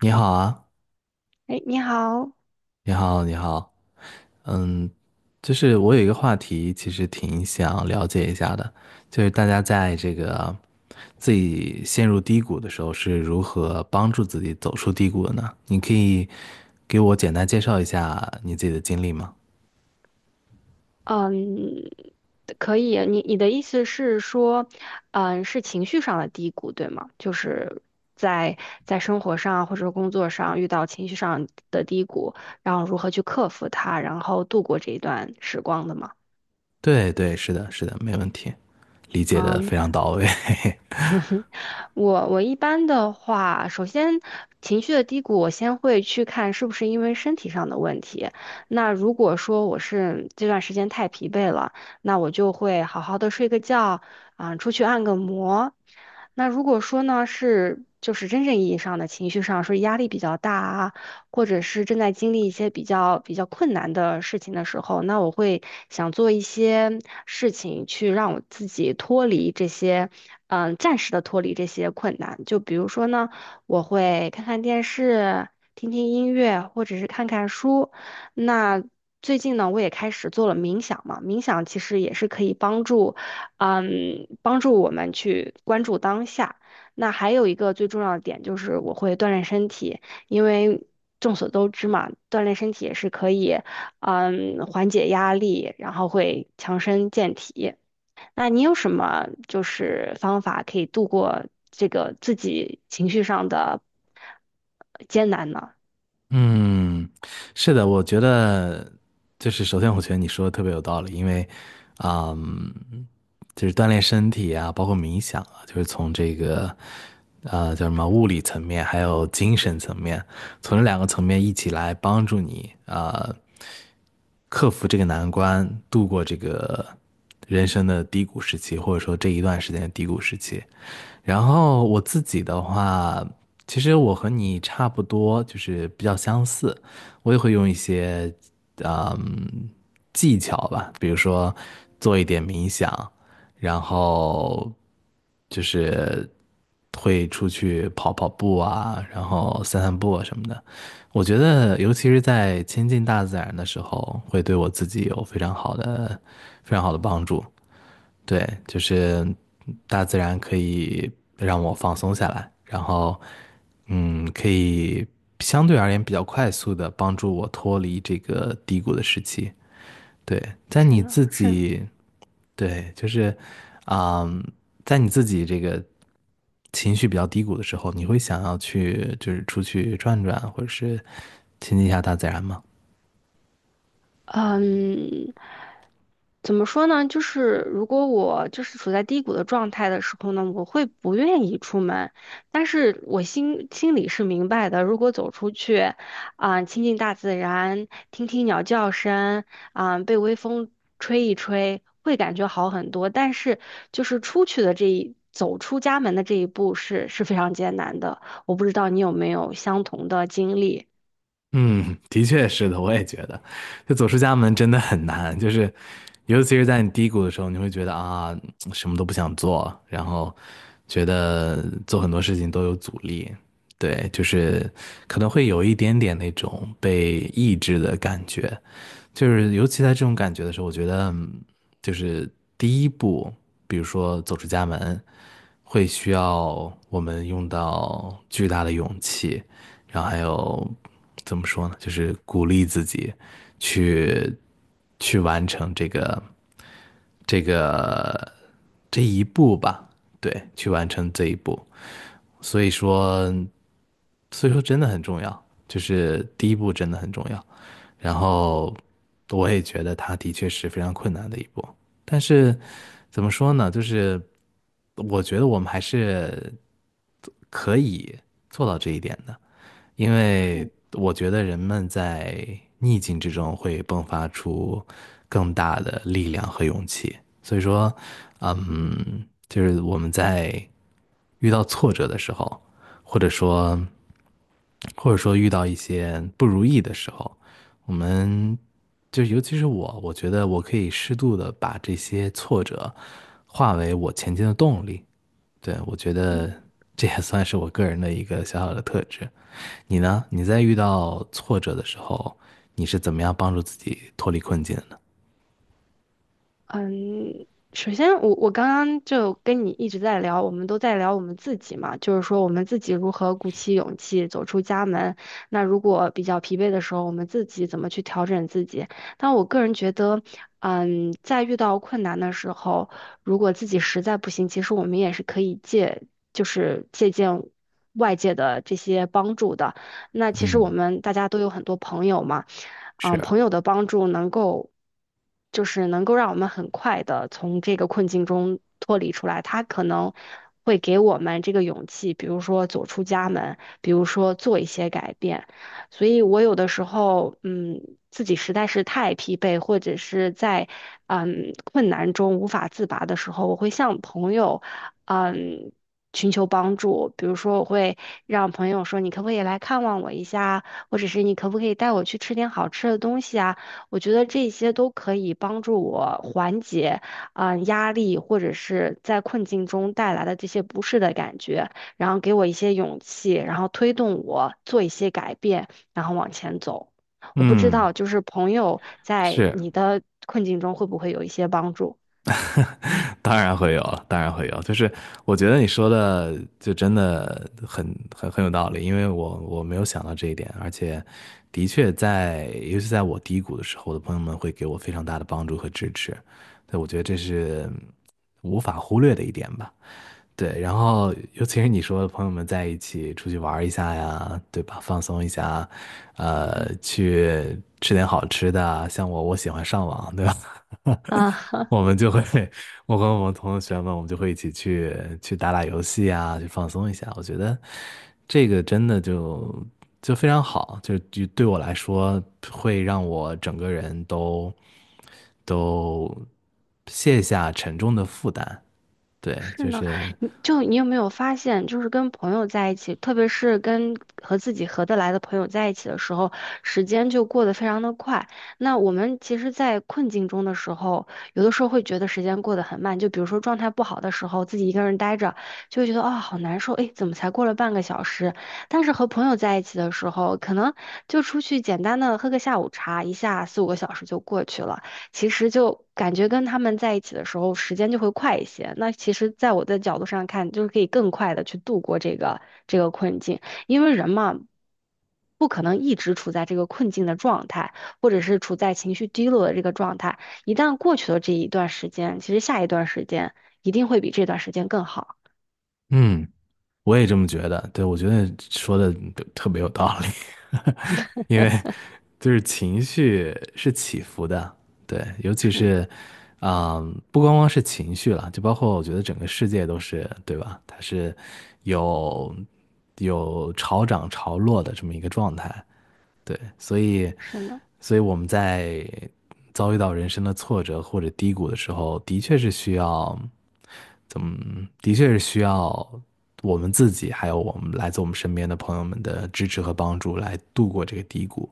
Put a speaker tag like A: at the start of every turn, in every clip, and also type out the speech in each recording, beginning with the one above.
A: 你好啊，
B: 哎，你好。
A: 你好，你好，嗯，就是我有一个话题，其实挺想了解一下的，就是大家在这个自己陷入低谷的时候是如何帮助自己走出低谷的呢？你可以给我简单介绍一下你自己的经历吗？
B: 嗯，可以。你你的意思是说，嗯，是情绪上的低谷，对吗？就是在在生活上或者工作上遇到情绪上的低谷，然后如何去克服它，然后度过这一段时光的吗？
A: 对对，是的，是的，没问题，理解的
B: 嗯。
A: 非常到位。
B: 我一般的话，首先情绪的低谷，我先会去看是不是因为身体上的问题。那如果说我是这段时间太疲惫了，那我就会好好的睡个觉，啊、出去按个摩。那如果说呢是就是真正意义上的情绪上，说压力比较大啊，或者是正在经历一些比较比较困难的事情的时候，那我会想做一些事情去让我自己脱离这些，嗯、暂时的脱离这些困难。就比如说呢，我会看看电视，听听音乐，或者是看看书。那最近呢，我也开始做了冥想嘛，冥想其实也是可以帮助，嗯，帮助我们去关注当下。那还有一个最重要的点就是我会锻炼身体，因为众所周知嘛，锻炼身体也是可以，嗯，缓解压力，然后会强身健体。那你有什么就是方法可以度过这个自己情绪上的艰难呢？
A: 嗯，是的，我觉得就是首先，我觉得你说的特别有道理，因为，嗯，就是锻炼身体啊，包括冥想啊，就是从这个，叫什么物理层面，还有精神层面，从这两个层面一起来帮助你，克服这个难关，度过这个人生的低谷时期，或者说这一段时间的低谷时期。然后我自己的话。其实我和你差不多，就是比较相似。我也会用一些嗯技巧吧，比如说做一点冥想，然后就是会出去跑跑步啊，然后散散步啊什么的。我觉得，尤其是在亲近大自然的时候，会对我自己有非常好的、非常好的帮助。对，就是大自然可以让我放松下来，然后，可以相对而言比较快速的帮助我脱离这个低谷的时期。对，在
B: 是
A: 你
B: 呢，
A: 自
B: 是呢。
A: 己，对，就是，嗯，在你自己这个情绪比较低谷的时候，你会想要去就是出去转转，或者是亲近一下大自然吗？
B: 嗯，怎么说呢？就是如果我就是处在低谷的状态的时候呢，我会不愿意出门，但是我心心里是明白的。如果走出去，啊、亲近大自然，听听鸟叫声，啊、被微风吹一吹，会感觉好很多。但是就是出去的这一走出家门的这一步是是非常艰难的。我不知道你有没有相同的经历。
A: 嗯，的确是的，我也觉得，就走出家门真的很难，就是尤其是在你低谷的时候，你会觉得啊，什么都不想做，然后觉得做很多事情都有阻力，对，就是可能会有一点点那种被抑制的感觉，就是尤其在这种感觉的时候，我觉得就是第一步，比如说走出家门，会需要我们用到巨大的勇气。然后还有怎么说呢，就是鼓励自己去去完成这个这个这一步吧，对，去完成这一步。所以说，所以说真的很重要，就是第一
B: 嗯
A: 步真的很重要。然后我也觉得它的确是非常困难的一步，但是怎么说呢，就是我觉得我们还是可以做到这一点的。因为我觉得人们在逆境之中会迸发出更大的力量和勇气。所以说，就是我们在遇到挫折的时候，或者说，或者说遇到一些不如意的时候，我们就尤其是我，我觉得我可以适度的把这些挫折化为我前进的动力。对，我觉得
B: 嗯。
A: 这也算是我个人的一个小小的特质。你呢？你在遇到挫折的时候，你是怎么样帮助自己脱离困境的呢？
B: 嗯，首先我刚刚就跟你一直在聊，我们都在聊我们自己嘛，就是说我们自己如何鼓起勇气走出家门。那如果比较疲惫的时候，我们自己怎么去调整自己？但我个人觉得，嗯，在遇到困难的时候，如果自己实在不行，其实我们也是可以借，就是借鉴外界的这些帮助的。那其实我
A: 嗯，
B: 们大家都有很多朋友嘛。
A: 是，
B: 嗯，朋友的帮助能够，就是能够让我们很快的从这个困境中脱离出来。他可能会给我们这个勇气，比如说走出家门，比如说做一些改变。所以我有的时候，嗯，自己实在是太疲惫，或者是在困难中无法自拔的时候，我会向朋友。嗯，寻求帮助，比如说我会让朋友说你可不可以来看望我一下啊，或者是你可不可以带我去吃点好吃的东西啊？我觉得这些都可以帮助我缓解啊、压力或者是在困境中带来的这些不适的感觉，然后给我一些勇气，然后推动我做一些改变，然后往前走。我不知道，
A: 嗯，
B: 就是朋友在
A: 是，
B: 你的困境中会不会有一些帮助？
A: 当然会有了，当然会有。就是我觉得你说的就真的很很有道理，因为我没有想到这一点，而且的确在，尤其在我低谷的时候，我的朋友们会给我非常大的帮助和支持。对，我觉得这是无法忽略的一点吧。对，然后尤其是你说朋友们在一起出去玩一下呀，对吧？放松一下，
B: 嗯
A: 去吃点好吃的啊像我，我喜欢上网，对吧？
B: 啊，
A: 我 们就会，我和我们同学们，我们就会一起去去打打游戏啊，去放松一下。我觉得这个真的就非常好，就对我来说，会让我整个人都都卸下沉重的负担。对，
B: 是
A: 就
B: 呢。
A: 是
B: 你就你有没有发现，就是跟朋友在一起，特别是跟和自己合得来的朋友在一起的时候，时间就过得非常的快。那我们其实，在困境中的时候，有的时候会觉得时间过得很慢。就比如说状态不好的时候，自己一个人待着，就会觉得啊好难受，哎，怎么才过了半个小时？但是和朋友在一起的时候，可能就出去简单的喝个下午茶，一下四五个小时就过去了。其实就感觉跟他们在一起的时候，时间就会快一些。那其实，在我的角度上看，就是可以更快的去度过这个这个困境，因为人嘛，不可能一直处在这个困境的状态，或者是处在情绪低落的这个状态。一旦过去了这一段时间，其实下一段时间一定会比这段时间更好。
A: 嗯，我也这么觉得。对，我觉得说的特别有道理，因为就是情绪是起伏的，对，尤其
B: 是呢，
A: 是，不光光是情绪了，就包括我觉得整个世界都是，对吧？它是有潮涨潮落的这么一个状态，对，所以，
B: 是呢。
A: 所以我们在遭遇到人生的挫折或者低谷的时候，的确是需要，怎么，的确是需要我们自己，还有我们来自我们身边的朋友们的支持和帮助，来度过这个低谷，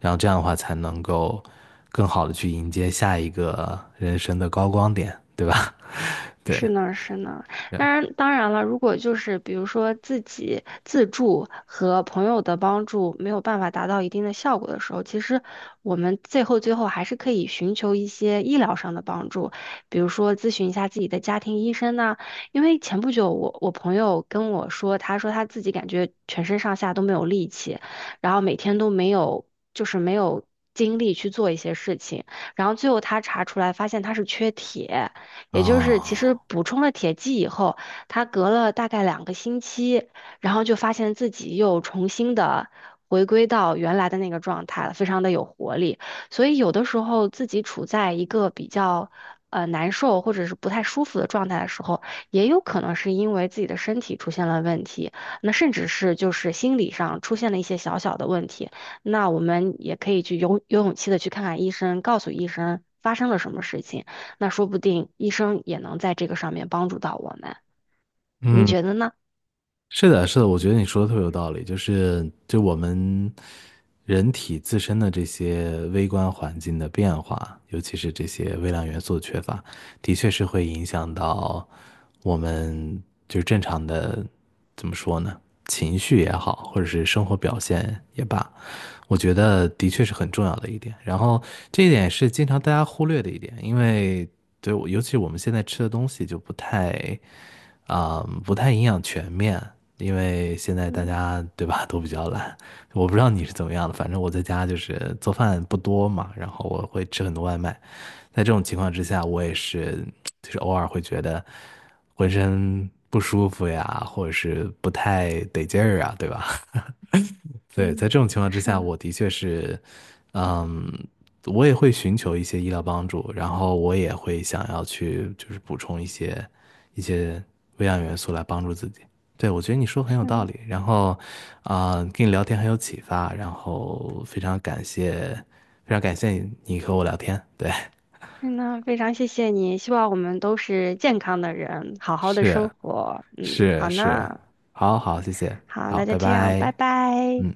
A: 然后这样的话才能够更好的去迎接下一个人生的高光点，对吧？对，
B: 是呢，是呢。
A: 这样
B: 当然，当然了，如果就是比如说自己自助和朋友的帮助没有办法达到一定的效果的时候，其实我们最后还是可以寻求一些医疗上的帮助，比如说咨询一下自己的家庭医生呐、因为前不久我朋友跟我说，他说他自己感觉全身上下都没有力气，然后每天都没有就是没有精力去做一些事情，然后最后他查出来发现他是缺铁。也就是其实
A: 啊，
B: 补充了铁剂以后，他隔了大概两个星期，然后就发现自己又重新的回归到原来的那个状态了，非常的有活力。所以有的时候自己处在一个比较难受或者是不太舒服的状态的时候，也有可能是因为自己的身体出现了问题，那甚至是就是心理上出现了一些小小的问题。那我们也可以去有勇气的去看看医生，告诉医生发生了什么事情。那说不定医生也能在这个上面帮助到我们，你
A: 嗯。
B: 觉得呢？
A: 是的，是的，我觉得你说的特别有道理，就是我们人体自身的这些微观环境的变化，尤其是这些微量元素的缺乏，的确是会影响到我们就是正常的，怎么说呢，情绪也好，或者是生活表现也罢，我觉得的确是很重要的一点。然后这一点是经常大家忽略的一点，因为对，尤其我们现在吃的东西就不太。啊、不太营养全面，因为现在大
B: 嗯
A: 家对吧都比较懒。我不知道你是怎么样的，反正我在家就是做饭不多嘛，然后我会吃很多外卖。在这种情况之下，我也是就是偶尔会觉得浑身不舒服呀，或者是不太得劲儿啊，对吧？对，在
B: 嗯，
A: 这种情况之
B: 是
A: 下，
B: 呢，
A: 我的确是，嗯，我也会寻求一些医疗帮助，然后我也会想要去就是补充一些一些微量元素来帮助自己。对，我觉得你说得很有
B: 是
A: 道
B: 呢。
A: 理，然后啊，跟你聊天很有启发，然后非常感谢，非常感谢你和我聊天。对，
B: 嗯，那非常谢谢你，希望我们都是健康的人，好 好的
A: 是
B: 生活。嗯，
A: 是
B: 好
A: 是，
B: 呢。
A: 好好，谢谢，
B: 好，
A: 好，
B: 那就
A: 拜
B: 这样，
A: 拜，
B: 拜拜。
A: 嗯。